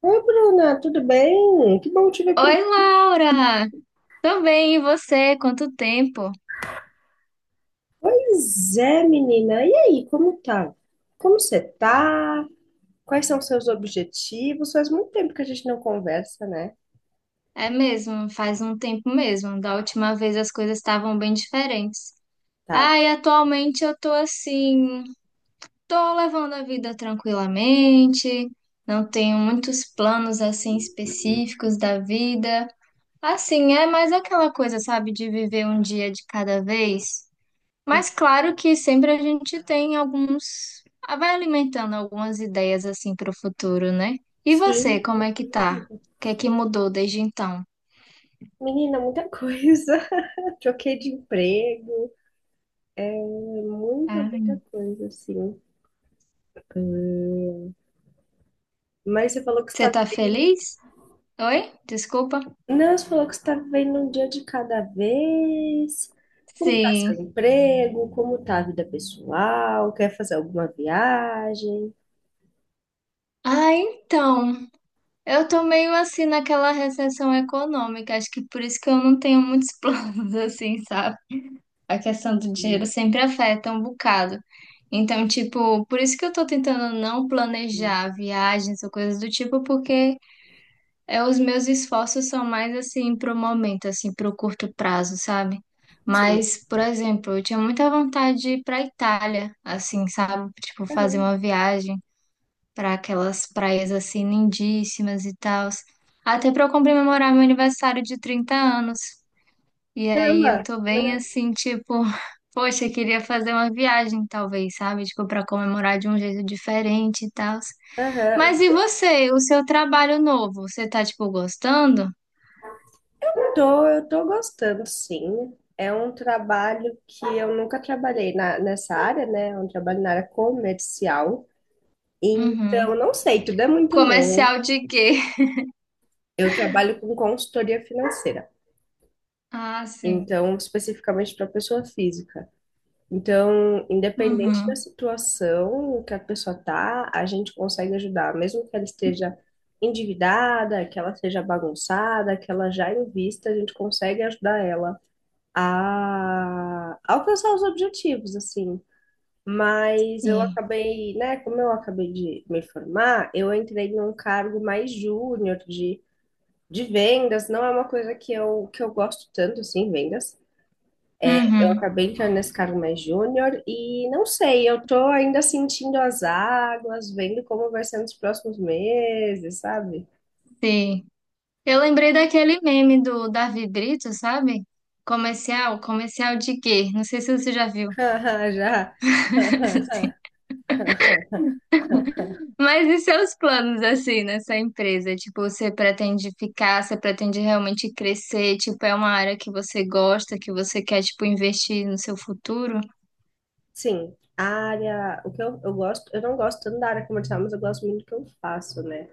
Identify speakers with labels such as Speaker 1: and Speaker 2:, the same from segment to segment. Speaker 1: Oi, Bruna, tudo bem? Que bom te ver por
Speaker 2: Oi,
Speaker 1: aqui.
Speaker 2: Laura! Tô bem, e você? Quanto tempo?
Speaker 1: Pois é, menina. E aí, como tá? Como você tá? Quais são os seus objetivos? Faz muito tempo que a gente não conversa, né?
Speaker 2: É mesmo, faz um tempo mesmo. Da última vez as coisas estavam bem diferentes.
Speaker 1: Tá.
Speaker 2: E atualmente eu tô levando a vida tranquilamente, não tenho muitos planos assim específicos da vida. Assim, é mais aquela coisa, sabe, de viver um dia de cada vez. Mas claro que sempre a gente tem alguns, vai alimentando algumas ideias assim para o futuro, né? E você,
Speaker 1: Sim.
Speaker 2: como é que tá? O que é que mudou desde então?
Speaker 1: Menina, muita coisa. Troquei de emprego. Muita,
Speaker 2: Ah,
Speaker 1: muita coisa, assim. Mas você falou que
Speaker 2: você
Speaker 1: está
Speaker 2: tá
Speaker 1: vivendo.
Speaker 2: feliz? Oi? Desculpa.
Speaker 1: Não, você falou que você está vivendo um dia de cada vez. Como está seu
Speaker 2: Sim.
Speaker 1: emprego? Como está a vida pessoal? Quer fazer alguma viagem?
Speaker 2: Então, eu tô meio assim naquela recessão econômica, acho que por isso que eu não tenho muitos planos assim, sabe? A questão do dinheiro
Speaker 1: Hum.
Speaker 2: sempre afeta um bocado. Então, tipo, por isso que eu tô tentando não
Speaker 1: Hum.
Speaker 2: planejar viagens ou coisas do tipo, porque é, os meus esforços são mais assim pro momento, assim, pro curto prazo, sabe?
Speaker 1: Sim.
Speaker 2: Mas, por exemplo, eu tinha muita vontade de ir pra Itália, assim, sabe? Tipo, fazer
Speaker 1: Aham.
Speaker 2: uma viagem para aquelas praias assim lindíssimas e tal. Até para eu comemorar meu aniversário de 30 anos. E aí eu
Speaker 1: Caramba,
Speaker 2: tô bem
Speaker 1: legal.
Speaker 2: assim, tipo, poxa, eu queria fazer uma viagem, talvez, sabe? Tipo, para comemorar de um jeito diferente e tal.
Speaker 1: Aham.
Speaker 2: Mas e você, o seu trabalho novo, você tá, tipo, gostando?
Speaker 1: Tô, eu tô gostando, sim. É um trabalho que eu nunca trabalhei nessa área, né? Eu trabalho na área comercial. Então,
Speaker 2: Uhum.
Speaker 1: não sei, tudo é muito novo.
Speaker 2: Comercial de quê?
Speaker 1: Eu trabalho com consultoria financeira.
Speaker 2: Ah, sim.
Speaker 1: Então, especificamente para pessoa física. Então, independente da
Speaker 2: Uhum.
Speaker 1: situação que a pessoa tá, a gente consegue ajudar, mesmo que ela esteja endividada, que ela seja bagunçada, que ela já invista, a gente consegue ajudar ela a alcançar os objetivos, assim. Mas eu
Speaker 2: Sim.
Speaker 1: acabei, né, como eu acabei de me formar, eu entrei num cargo mais júnior de vendas, não é uma coisa que eu gosto tanto, assim, vendas. Eu
Speaker 2: Uhum.
Speaker 1: acabei entrando nesse cargo mais júnior e não sei, eu tô ainda sentindo as águas, vendo como vai ser nos próximos meses, sabe?
Speaker 2: Sim. Eu lembrei daquele meme do Davi Brito, sabe? Comercial, comercial de quê? Não sei se você já viu.
Speaker 1: Já.
Speaker 2: Sim. Mas e seus planos assim nessa empresa? Tipo, você pretende ficar, você pretende realmente crescer? Tipo, é uma área que você gosta, que você quer, tipo, investir no seu futuro?
Speaker 1: Sim, a área, o que eu gosto, eu não gosto tanto da área comercial, mas eu gosto muito do que eu faço, né?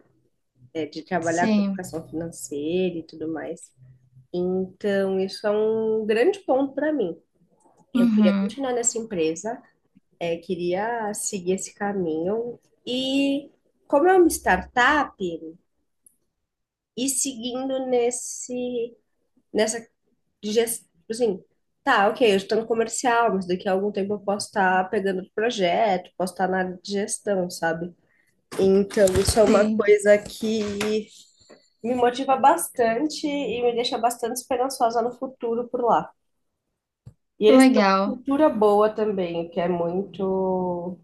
Speaker 1: É, de trabalhar com
Speaker 2: Sim.
Speaker 1: educação financeira e tudo mais. Então, isso é um grande ponto para mim. Eu queria
Speaker 2: Uhum.
Speaker 1: continuar nessa empresa, queria seguir esse caminho. E como é uma startup, e seguindo nessa gestão, assim, tá, ok, eu estou no comercial, mas daqui a algum tempo eu posso estar pegando o projeto, posso estar na área de gestão, sabe? Então, isso é uma
Speaker 2: Sim.
Speaker 1: coisa que me motiva bastante e me deixa bastante esperançosa no futuro por lá. E
Speaker 2: Que
Speaker 1: eles têm uma
Speaker 2: legal.
Speaker 1: cultura boa também, que é muito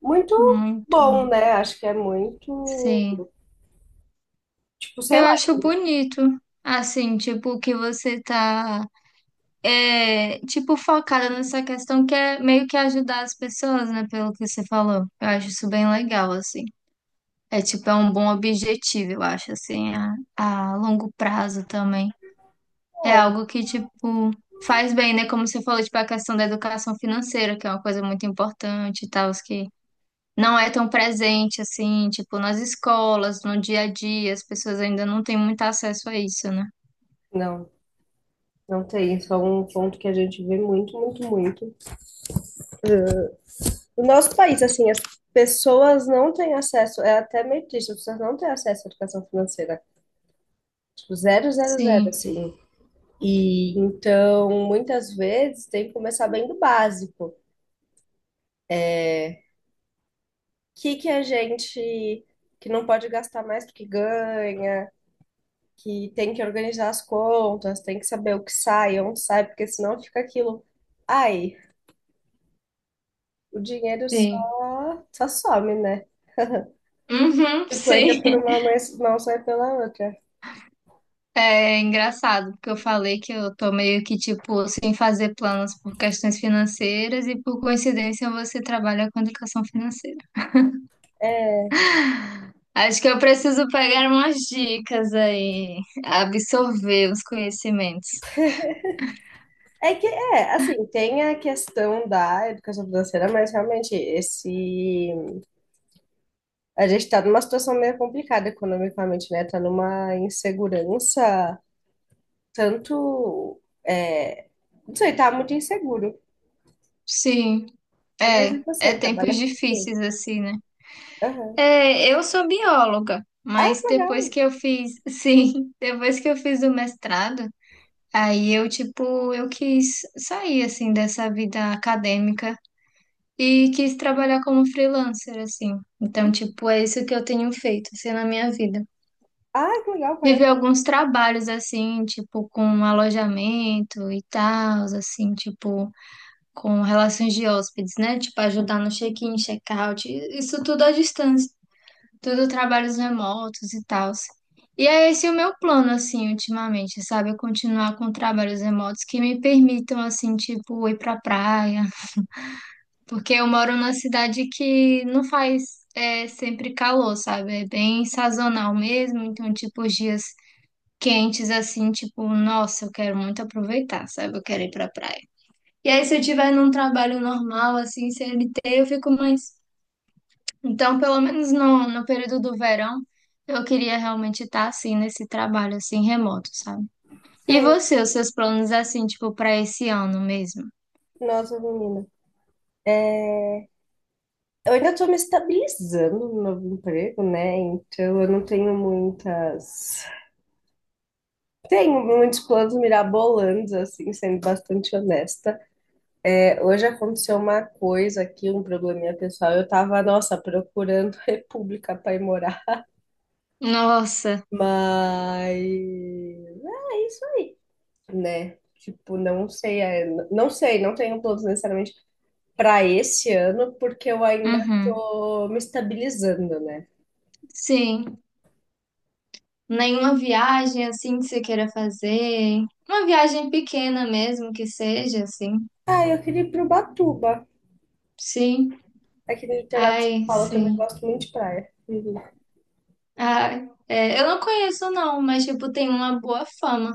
Speaker 1: muito
Speaker 2: Muito.
Speaker 1: bom, né? Acho que é muito,
Speaker 2: Sim.
Speaker 1: tipo, sei
Speaker 2: Eu
Speaker 1: lá,
Speaker 2: acho bonito, assim, tipo, que você tá, é, tipo, focada nessa questão que é meio que ajudar as pessoas, né, pelo que você falou. Eu acho isso bem legal, assim. É, tipo, é um bom objetivo, eu acho, assim, a longo prazo também. É
Speaker 1: é.
Speaker 2: algo que, tipo, faz bem, né, como você falou, tipo, a questão da educação financeira, que é uma coisa muito importante e tal, os que não é tão presente, assim, tipo, nas escolas, no dia a dia, as pessoas ainda não têm muito acesso a isso, né?
Speaker 1: Não, não tem. Isso é um ponto que a gente vê muito, muito, muito. No nosso país, assim, as pessoas não têm acesso, é até meio triste, as pessoas não têm acesso à educação financeira. Tipo, zero, zero, zero,
Speaker 2: Sim,
Speaker 1: assim. E então, muitas vezes, tem que começar bem do básico. O que que a gente que não pode gastar mais do que ganha? Que tem que organizar as contas, tem que saber o que sai, onde sai, porque senão fica aquilo. Ai, o dinheiro
Speaker 2: sim.
Speaker 1: só some, né?
Speaker 2: Uhum,
Speaker 1: Tipo, entra
Speaker 2: sim.
Speaker 1: por uma mas não sai pela outra.
Speaker 2: É engraçado, porque eu falei que eu tô meio que, tipo, sem fazer planos por questões financeiras e por coincidência você trabalha com educação financeira. Acho que eu preciso pegar umas dicas aí, absorver os conhecimentos.
Speaker 1: É que, assim, tem a questão da educação financeira, mas realmente esse. A gente tá numa situação meio complicada economicamente, né? Tá numa insegurança, tanto. Não sei, tá muito inseguro.
Speaker 2: Sim,
Speaker 1: Mas
Speaker 2: é,
Speaker 1: e
Speaker 2: é
Speaker 1: você, trabalha
Speaker 2: tempos
Speaker 1: com o quê?
Speaker 2: difíceis assim, né?
Speaker 1: Aham.
Speaker 2: É, eu sou bióloga,
Speaker 1: Ai,
Speaker 2: mas
Speaker 1: que
Speaker 2: depois
Speaker 1: legal!
Speaker 2: que eu fiz, sim, depois que eu fiz o mestrado, aí eu, tipo, eu quis sair, assim, dessa vida acadêmica e quis trabalhar como freelancer, assim. Então, tipo, é isso que eu tenho feito, assim, na minha vida.
Speaker 1: Ah, que legal,
Speaker 2: Tive
Speaker 1: parabéns.
Speaker 2: alguns trabalhos, assim, tipo, com alojamento e tal, assim, tipo, com relações de hóspedes, né? Tipo, ajudar no check-in, check-out, isso tudo à distância, tudo trabalhos remotos e tal. E é esse o meu plano, assim, ultimamente, sabe? Eu continuar com trabalhos remotos que me permitam, assim, tipo, ir pra praia. Porque eu moro numa cidade que não faz é, sempre calor, sabe? É bem sazonal mesmo. Então, tipo, os dias quentes, assim, tipo, nossa, eu quero muito aproveitar, sabe? Eu quero ir pra praia. E aí, se eu tiver num trabalho normal, assim, CLT, eu fico mais. Então, pelo menos no período do verão, eu queria realmente estar assim nesse trabalho assim remoto, sabe? E
Speaker 1: Você,
Speaker 2: você, os seus planos assim, tipo, para esse ano mesmo?
Speaker 1: nossa menina. É, eu ainda estou me estabilizando no novo emprego, né? Então eu não tenho muitas. Tenho muitos planos mirabolantes, assim, sendo bastante honesta. É, hoje aconteceu uma coisa aqui, um probleminha pessoal. Eu tava, nossa, procurando república para ir morar.
Speaker 2: Nossa,
Speaker 1: Mas é isso aí, né? Tipo, não sei, não sei, não tenho planos necessariamente para esse ano, porque eu ainda
Speaker 2: uhum.
Speaker 1: tô me estabilizando, né?
Speaker 2: Sim. Nenhuma viagem assim que você queira fazer. Uma viagem pequena mesmo que seja, assim.
Speaker 1: Ah, eu queria ir pro Batuba.
Speaker 2: Sim.
Speaker 1: Aqui no litoral de São
Speaker 2: Ai,
Speaker 1: Paulo, eu também
Speaker 2: sim.
Speaker 1: gosto muito de praia. Uhum.
Speaker 2: Ai, é, eu não conheço não, mas tipo, tem uma boa fama.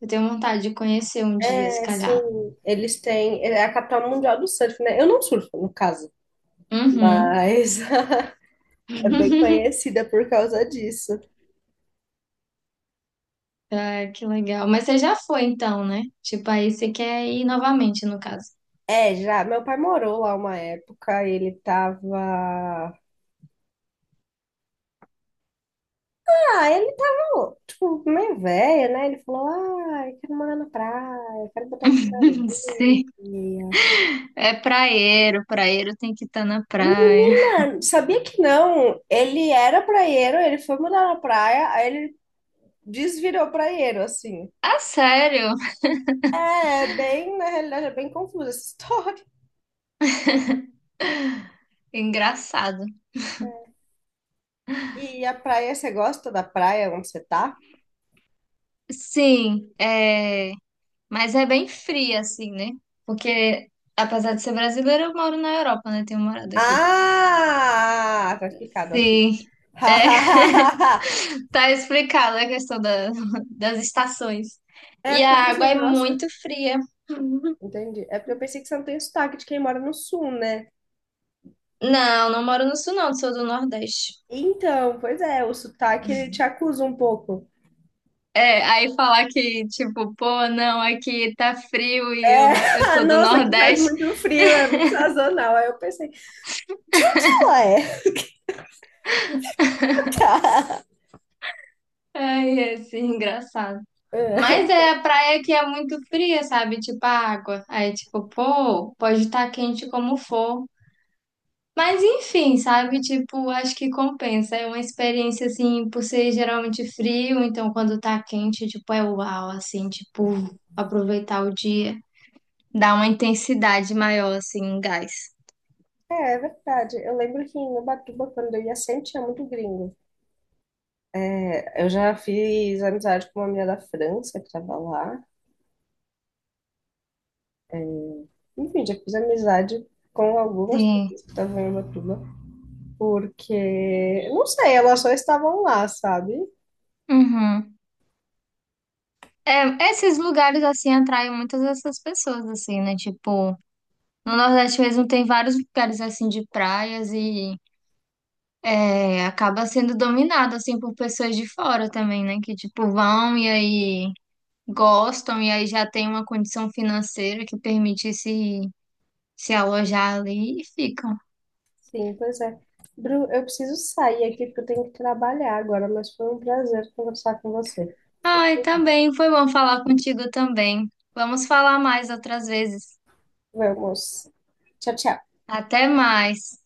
Speaker 2: Eu tenho vontade de conhecer um dia, se
Speaker 1: É,
Speaker 2: calhar.
Speaker 1: sim, eles têm. É a capital mundial do surf, né? Eu não surfo, no caso,
Speaker 2: Uhum.
Speaker 1: mas é bem conhecida por causa disso.
Speaker 2: Ah, que legal. Mas você já foi então, né? Tipo, aí você quer ir novamente, no caso.
Speaker 1: É, já. Meu pai morou lá uma época, ele tava. Ah, ele tava, tipo, meio velho, né? Ele falou: ah, eu quero morar na praia, eu quero botar o pé na
Speaker 2: Sim,
Speaker 1: areia.
Speaker 2: é praieiro, praieiro tem que estar na praia.
Speaker 1: Menina, sabia que não? Ele era praieiro, ele foi morar na praia, aí ele desvirou praieiro, assim.
Speaker 2: Ah, sério?
Speaker 1: É bem, na realidade, é bem confusa essa história.
Speaker 2: Engraçado.
Speaker 1: E a praia, você gosta da praia onde você tá?
Speaker 2: Sim, é, mas é bem fria assim, né? Porque apesar de ser brasileira, eu moro na Europa, né? Tenho morado aqui.
Speaker 1: Ah, tá explicado aqui.
Speaker 2: Sim, é, tá explicada a questão da- das estações.
Speaker 1: É
Speaker 2: E
Speaker 1: porque
Speaker 2: a
Speaker 1: eu
Speaker 2: água
Speaker 1: pensei,
Speaker 2: é
Speaker 1: nossa,
Speaker 2: muito fria.
Speaker 1: entendi. É porque eu pensei que você não tem sotaque de quem mora no sul, né?
Speaker 2: Não, não moro no sul, não, sou do Nordeste.
Speaker 1: Então, pois é, o sotaque ele te acusa um pouco.
Speaker 2: É, aí falar que, tipo, pô, não, aqui tá frio eu
Speaker 1: É,
Speaker 2: sou do
Speaker 1: nossa, que faz
Speaker 2: Nordeste.
Speaker 1: muito frio, é muito sazonal. Aí eu pensei, ué, tá.
Speaker 2: Ai, é assim, engraçado.
Speaker 1: É,
Speaker 2: Mas é a praia que é muito fria, sabe? Tipo, a água. Aí, tipo, pô, pode estar quente como for. Mas enfim, sabe? Tipo, acho que compensa. É uma experiência, assim, por ser geralmente frio, então quando tá quente, tipo, é uau, assim, tipo, aproveitar o dia. Dá uma intensidade maior, assim, em gás.
Speaker 1: é, verdade. Eu lembro que em Ubatuba, quando eu ia, sempre tinha muito gringo. É, eu já fiz amizade com uma menina da França que estava lá. Enfim, já fiz amizade com algumas
Speaker 2: Sim.
Speaker 1: pessoas que estavam em Ubatuba, porque, não sei, elas só estavam lá, sabe?
Speaker 2: Uhum. É, esses lugares, assim, atraem muitas dessas pessoas, assim, né? Tipo, no Nordeste mesmo tem vários lugares, assim, de praias e é, acaba sendo dominado, assim, por pessoas de fora também, né? Que, tipo, vão e aí gostam e aí já tem uma condição financeira que permite se, se alojar ali e ficam.
Speaker 1: Sim, pois é. Bru, eu preciso sair aqui porque eu tenho que trabalhar agora, mas foi um prazer conversar com você.
Speaker 2: Ai, tá bem, foi bom falar contigo também. Vamos falar mais outras vezes.
Speaker 1: Vamos. Tchau, tchau.
Speaker 2: Até mais.